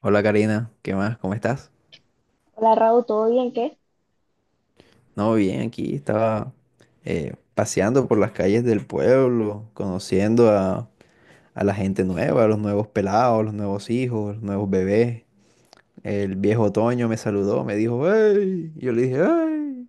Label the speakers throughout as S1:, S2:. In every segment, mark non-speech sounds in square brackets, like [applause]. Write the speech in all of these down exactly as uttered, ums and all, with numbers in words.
S1: Hola Karina, ¿qué más? ¿Cómo estás?
S2: Hola Raúl, ¿todo bien? ¿Qué?
S1: No, bien, aquí estaba, eh, paseando por las calles del pueblo, conociendo a, a la gente nueva, a los nuevos pelados, los nuevos hijos, los nuevos bebés. El viejo otoño me saludó, me dijo, "¡Hey!" Yo le dije, "¡Hey!"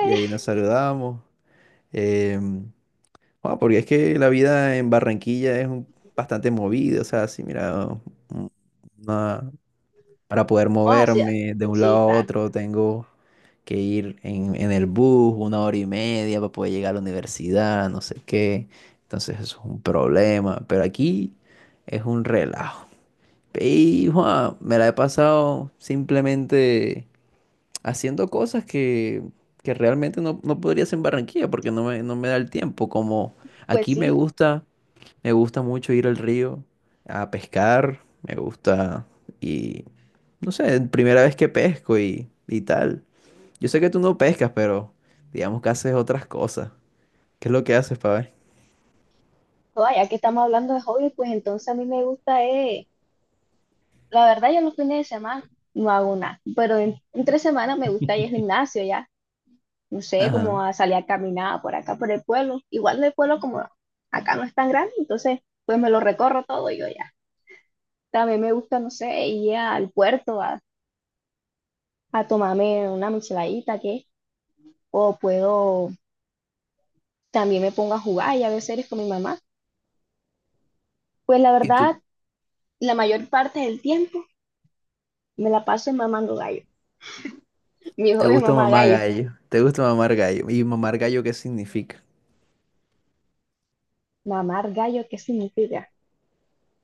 S1: Y ahí nos saludamos. Em, ah, porque es que la vida en Barranquilla es un- bastante movida, o sea, sí, mira, un- una, para poder
S2: Vamos hacia.
S1: moverme de un lado
S2: Sí,
S1: a
S2: claro.
S1: otro, tengo que ir en, en el bus una hora y media para poder llegar a la universidad, no sé qué. Entonces eso es un problema, pero aquí es un relajo. Y Juan, me la he pasado simplemente haciendo cosas que, que realmente no, no podría hacer en Barranquilla porque no me, no me da el tiempo. Como
S2: Pues
S1: aquí me
S2: sí.
S1: gusta me gusta mucho ir al río a pescar, me gusta, y no sé, primera vez que pesco y, y tal. Yo sé que tú no pescas, pero digamos que haces otras cosas. ¿Qué es lo que haces, para
S2: Oye, ya que estamos hablando de hobby, pues entonces a mí me gusta, eh, la verdad yo los fines de semana no hago nada, pero en, entre semanas me gusta ir al
S1: [laughs]
S2: gimnasio ya, no sé,
S1: Ajá.
S2: como a salir a caminar por acá, por el pueblo. Igual el pueblo como acá no es tan grande, entonces pues me lo recorro todo yo ya. También me gusta, no sé, ir al puerto a, a tomarme una micheladita, ¿qué? O puedo, también me pongo a jugar y a ver series con mi mamá. Pues la
S1: ¿Y tú?
S2: verdad, la mayor parte del tiempo me la paso mamando gallo. Mi
S1: ¿Te
S2: hobby es
S1: gusta
S2: mamar
S1: mamar
S2: gallo.
S1: gallo? ¿Te gusta mamar gallo? ¿Y mamar gallo qué significa?
S2: Mamar gallo, ¿qué significa?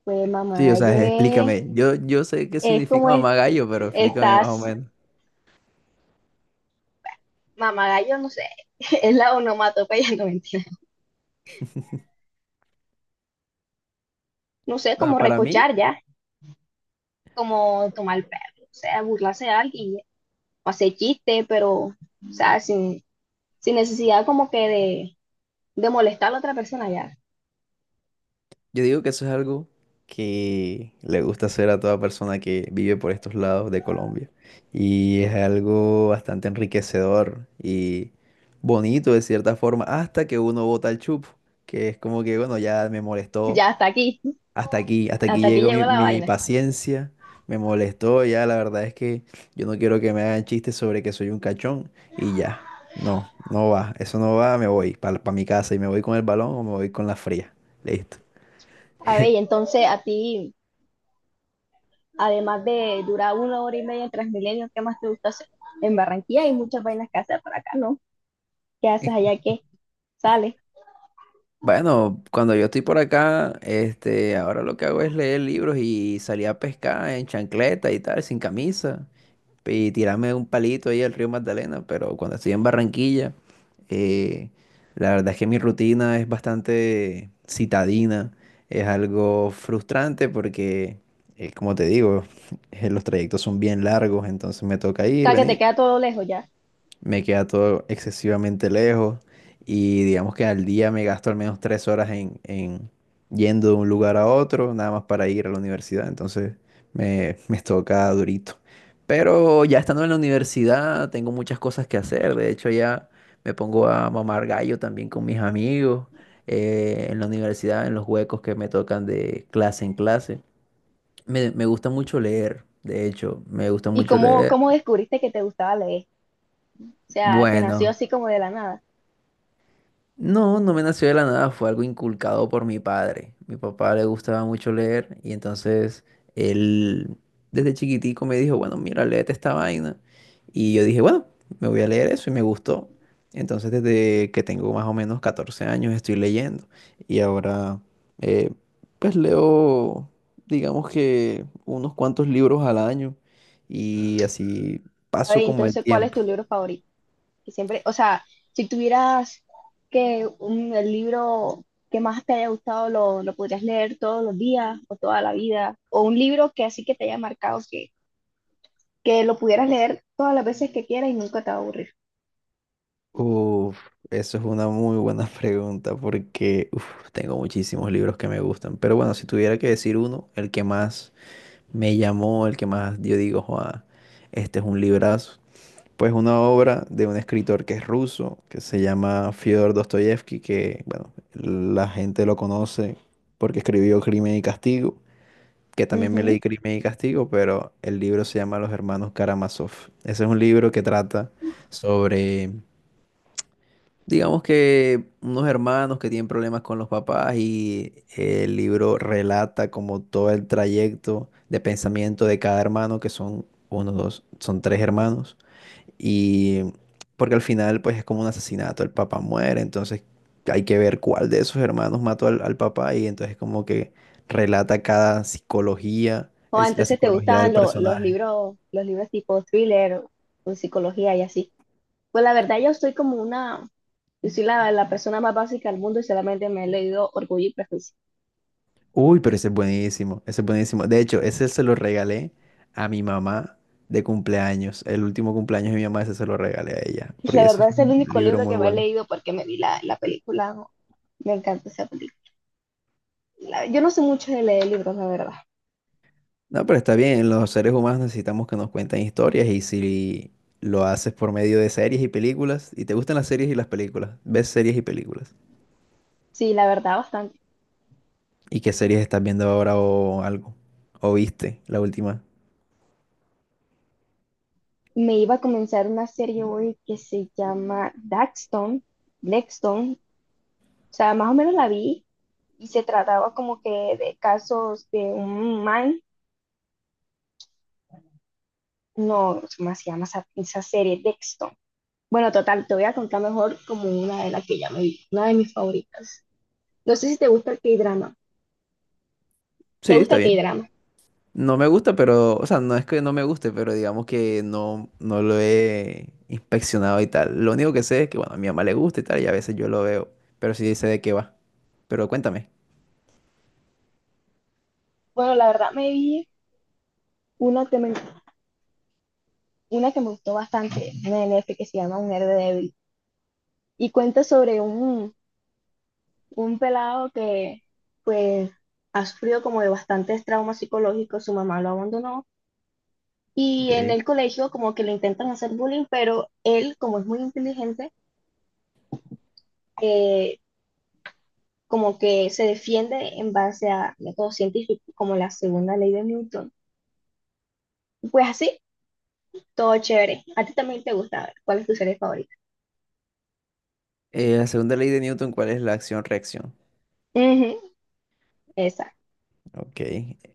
S2: Pues mamar
S1: Sí, o
S2: gallo
S1: sea,
S2: es,
S1: explícame. Yo, yo sé qué
S2: es
S1: significa
S2: como es-
S1: mamar gallo, pero explícame más o
S2: estás,
S1: menos.
S2: mamar gallo, no sé, [laughs] es la onomatopeya, [laughs] no mentira. No sé,
S1: Bueno,
S2: como
S1: para mí,
S2: recochar ya, como tomar el perro, o sea, burlarse de alguien, o hacer chiste, pero, o sea, sin, sin necesidad como que de, de molestar a la otra persona ya.
S1: yo digo que eso es algo que le gusta hacer a toda persona que vive por estos lados de Colombia. Y es algo bastante enriquecedor y bonito de cierta forma, hasta que uno bota el chupo, que es como que, bueno, ya me molestó,
S2: Ya hasta aquí,
S1: hasta aquí, hasta aquí
S2: hasta aquí
S1: llegó
S2: llegó
S1: mi,
S2: la
S1: mi
S2: vaina.
S1: paciencia, me molestó, ya la verdad es que yo no quiero que me hagan chistes sobre que soy un cachón, y ya, no, no va, eso no va, me voy para mi casa y me voy con el balón o me voy con la fría, listo.
S2: A ver, y
S1: [laughs]
S2: entonces a ti. Además de durar una hora y media en Transmilenio, ¿qué más te gusta hacer? En Barranquilla hay muchas vainas que hacer para acá, ¿no? ¿Qué haces allá que sales? O
S1: Bueno, cuando yo estoy por acá, este, ahora lo que hago es leer libros y salir a pescar en chancleta y tal, sin camisa, y tirarme un palito ahí al río Magdalena, pero cuando estoy en Barranquilla, eh, la verdad es que mi rutina es bastante citadina, es algo frustrante porque, eh, como te digo, [laughs] los trayectos son bien largos, entonces me toca ir,
S2: sea, que te
S1: venir,
S2: queda todo lejos ya.
S1: me queda todo excesivamente lejos, y digamos que al día me gasto al menos tres horas en, en yendo de un lugar a otro, nada más para ir a la universidad, entonces me, me toca durito. Pero ya estando en la universidad tengo muchas cosas que hacer, de hecho ya me pongo a mamar gallo también con mis amigos, eh, en la universidad, en los huecos que me tocan de clase en clase. Me, me gusta mucho leer, de hecho, me gusta
S2: ¿Y
S1: mucho
S2: cómo,
S1: leer.
S2: cómo descubriste que te gustaba leer? O sea, te nació
S1: Bueno.
S2: así como de la nada.
S1: No, no me nació de la nada, fue algo inculcado por mi padre. Mi papá le gustaba mucho leer, y entonces él desde chiquitico me dijo, "Bueno, mira, léete esta vaina." Y yo dije, "Bueno, me voy a leer eso", y me gustó. Entonces desde que tengo más o menos catorce años estoy leyendo, y ahora, eh, pues leo, digamos que unos cuantos libros al año, y así
S2: A
S1: paso
S2: ver,
S1: como el
S2: entonces, ¿cuál es
S1: tiempo.
S2: tu libro favorito? Que siempre, o sea, si tuvieras que un, el libro que más te haya gustado lo, lo podrías leer todos los días o toda la vida, o un libro que así que te haya marcado, que, que lo pudieras leer todas las veces que quieras y nunca te va a aburrir.
S1: Uf, eso es una muy buena [laughs] pregunta, porque uf, tengo muchísimos libros que me gustan. Pero bueno, si tuviera que decir uno, el que más me llamó, el que más yo digo, "Joa, este es un librazo", pues una obra de un escritor que es ruso, que se llama Fyodor Dostoyevsky, que bueno, la gente lo conoce porque escribió Crimen y Castigo, que también me leí
S2: Ujú.
S1: Crimen y Castigo, pero el libro se llama Los Hermanos Karamazov. Ese es un libro que trata sobre, digamos que, unos hermanos que tienen problemas con los papás, y el libro relata como todo el trayecto de pensamiento de cada hermano, que son uno, dos, son tres hermanos. Y porque al final pues es como un asesinato, el papá muere, entonces hay que ver cuál de esos hermanos mató al, al papá, y entonces como que relata cada psicología,
S2: O
S1: el- la
S2: entonces te
S1: psicología del
S2: gustaban lo- los
S1: personaje.
S2: libros, los libros tipo thriller o psicología y así. Pues la verdad yo soy como una, yo soy la, la persona más básica del mundo y solamente me he leído Orgullo y Prejuicio.
S1: Uy, pero ese es buenísimo, ese es buenísimo. De hecho, ese se lo regalé a mi mamá de cumpleaños. El último cumpleaños de mi mamá, ese se lo regalé a ella,
S2: [laughs] La
S1: porque ese
S2: verdad
S1: es
S2: es el
S1: un
S2: único
S1: libro
S2: libro
S1: muy
S2: que me he
S1: bueno.
S2: leído porque me vi la, la película, ¿no? Me encanta esa película. La- yo no sé mucho de leer libros, la verdad.
S1: No, pero está bien, los seres humanos necesitamos que nos cuenten historias, y si lo haces por medio de series y películas, y te gustan las series y las películas, ves series y películas.
S2: Sí, la verdad bastante.
S1: ¿Y qué series estás viendo ahora o algo? ¿O viste la última?
S2: Me iba a comenzar una serie hoy que se llama Daxton, Blackstone. O sea, más o menos la vi y se trataba como que de casos de un man. No, ¿cómo se llama esa, esa serie? Dexton. Bueno, total, te voy a contar mejor como una de las que ya me vi, una de mis favoritas. No sé si te gusta el K-drama. ¿Te
S1: Sí,
S2: gusta
S1: está
S2: el
S1: bien.
S2: K-drama?
S1: No me gusta, pero, o sea, no es que no me guste, pero digamos que no, no lo he inspeccionado y tal. Lo único que sé es que, bueno, a mi mamá le gusta y tal, y a veces yo lo veo, pero sí sé de qué va. Pero cuéntame.
S2: Bueno, la verdad me vi una que me, una que me gustó bastante, una de Netflix que se llama Un héroe débil. Y cuenta sobre un, un pelado que, pues, ha sufrido como de bastantes traumas psicológicos, su mamá lo abandonó. Y en
S1: Ok.
S2: el colegio como que le intentan hacer bullying, pero él, como es muy inteligente, eh, como que se defiende en base a métodos científicos, como la segunda ley de Newton. Y pues así, todo chévere. A ti también te gusta, a ver, ¿cuál es tu serie favorita?
S1: eh, la segunda ley de Newton, ¿cuál es la acción-reacción?
S2: Ujú. Exacto,
S1: Ok.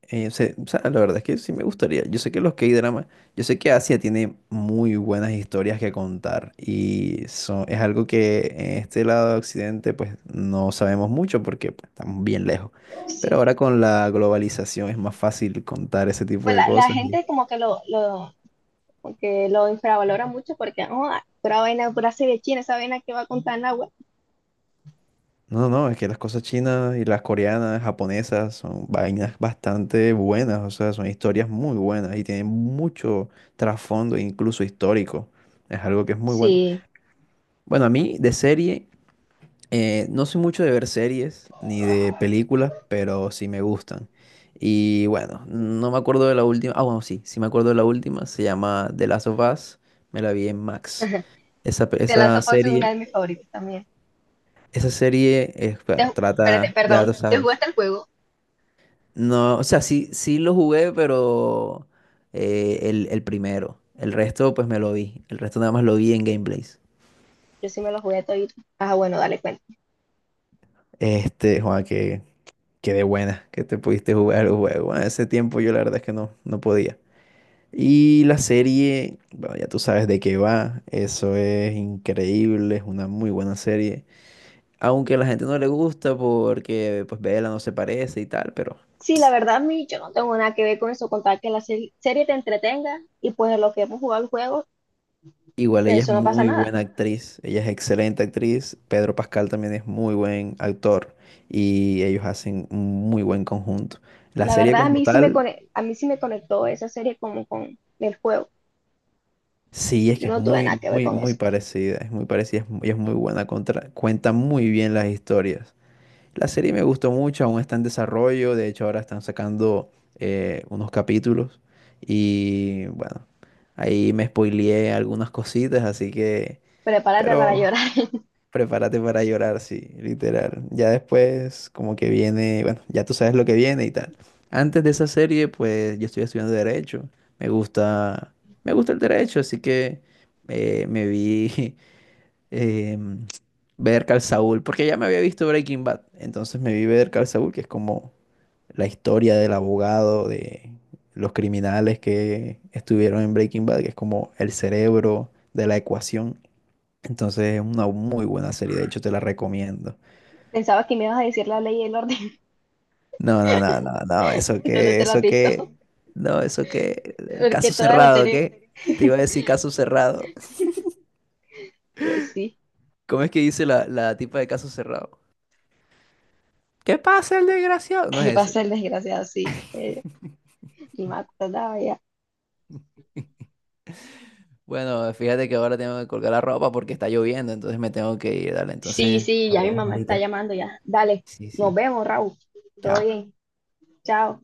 S1: Eh, o sea, o sea, la verdad es que sí me gustaría. Yo sé que los K-dramas, yo sé que Asia tiene muy buenas historias que contar, y son, es algo que en este lado de Occidente pues no sabemos mucho, porque pues, estamos bien lejos. Pero
S2: sí.
S1: ahora con la globalización es más fácil contar ese tipo
S2: Pues
S1: de
S2: la, la
S1: cosas. y-
S2: gente como que lo, lo, como que lo infravalora mucho porque, oh, ah, pura vaina, pura serie china, esa vaina que va a contar en agua.
S1: No, no, no, es que las cosas chinas y las coreanas, japonesas son vainas bastante buenas, o sea, son historias muy buenas y tienen mucho trasfondo, incluso histórico. Es algo que es muy bueno.
S2: Sí,
S1: Bueno, a mí de serie, eh, no soy mucho de ver series ni de películas, pero sí me gustan. Y bueno, no me acuerdo de la última. Ah, bueno, sí, sí me acuerdo de la última. Se llama The Last of Us. Me la vi en Max.
S2: [laughs]
S1: Esa, pe-
S2: The Last
S1: esa
S2: of Us es una
S1: serie,
S2: de mis favoritas también.
S1: esa serie, eh,
S2: Te
S1: bueno,
S2: ju- espérate,
S1: trata, ya
S2: perdón,
S1: tú
S2: ¿te
S1: sabes.
S2: jugaste el juego?
S1: No, o sea, sí, sí lo jugué, pero eh, el, el primero. El resto, pues me lo vi. El resto nada más lo vi en gameplays.
S2: Yo sí me lo jugué todito. Ah, bueno, dale cuenta.
S1: Este, Juan, que qué de buena que te pudiste jugar el juego. Bueno, ese tiempo yo la verdad es que no, no podía. Y la serie, bueno, ya tú sabes de qué va. Eso es increíble, es una muy buena serie. Aunque a la gente no le gusta porque pues Bella no se parece y tal, pero
S2: Sí, la
S1: ps,
S2: verdad, a mí yo no tengo nada que ver con eso, contar que la se- serie te entretenga y pues lo que hemos jugado el juego,
S1: igual ella
S2: pues
S1: es
S2: eso no pasa
S1: muy
S2: nada.
S1: buena actriz. Ella es excelente actriz. Pedro Pascal también es muy buen actor, y ellos hacen un muy buen conjunto. La
S2: La
S1: serie
S2: verdad, a
S1: como
S2: mí sí me
S1: tal,
S2: cone- a mí sí me conectó esa serie como con el juego.
S1: sí, es
S2: Yo
S1: que es
S2: no tuve
S1: muy,
S2: nada que ver
S1: muy,
S2: con
S1: muy
S2: eso.
S1: parecida, es muy parecida, es mu- y es muy buena, contra- cuenta muy bien las historias. La serie me gustó mucho, aún está en desarrollo, de hecho ahora están sacando eh, unos capítulos, y bueno, ahí me spoileé algunas cositas, así que,
S2: Prepárate para
S1: pero
S2: llorar. [laughs]
S1: prepárate para llorar, sí, literal. Ya después, como que viene, bueno, ya tú sabes lo que viene y tal. Antes de esa serie, pues yo estoy estudiando derecho. Me gusta, me gusta el derecho, así que eh, me vi [laughs] eh, ver Call Saul, porque ya me había visto Breaking Bad. Entonces me vi ver Call Saul, que es como la historia del abogado, de los criminales que estuvieron en Breaking Bad, que es como el cerebro de la ecuación. Entonces es una muy buena serie, de hecho te la recomiendo.
S2: Pensaba que me ibas a decir la ley y el orden.
S1: No, no, no, no, no,
S2: [laughs]
S1: eso
S2: Eso no
S1: que,
S2: te lo has
S1: eso
S2: visto.
S1: que,
S2: [laughs]
S1: no, eso que,
S2: Porque
S1: caso
S2: toda la
S1: cerrado,
S2: serie,
S1: ¿qué? Te iba a decir caso cerrado.
S2: pues sí,
S1: ¿Cómo es que dice la, la tipa de caso cerrado? ¿Qué pasa, el desgraciado? No
S2: ¿Qué
S1: es ese.
S2: pasa el desgraciado? Sí. Eh, ni me acordaba ya.
S1: Bueno, fíjate que ahora tengo que colgar la ropa porque está lloviendo, entonces me tengo que ir, dale,
S2: Sí,
S1: entonces
S2: sí,
S1: nos
S2: ya mi
S1: vemos
S2: mamá está
S1: ahorita.
S2: llamando ya. Dale,
S1: Sí,
S2: nos
S1: sí,
S2: vemos, Raúl. Todo
S1: chao.
S2: bien. Chao.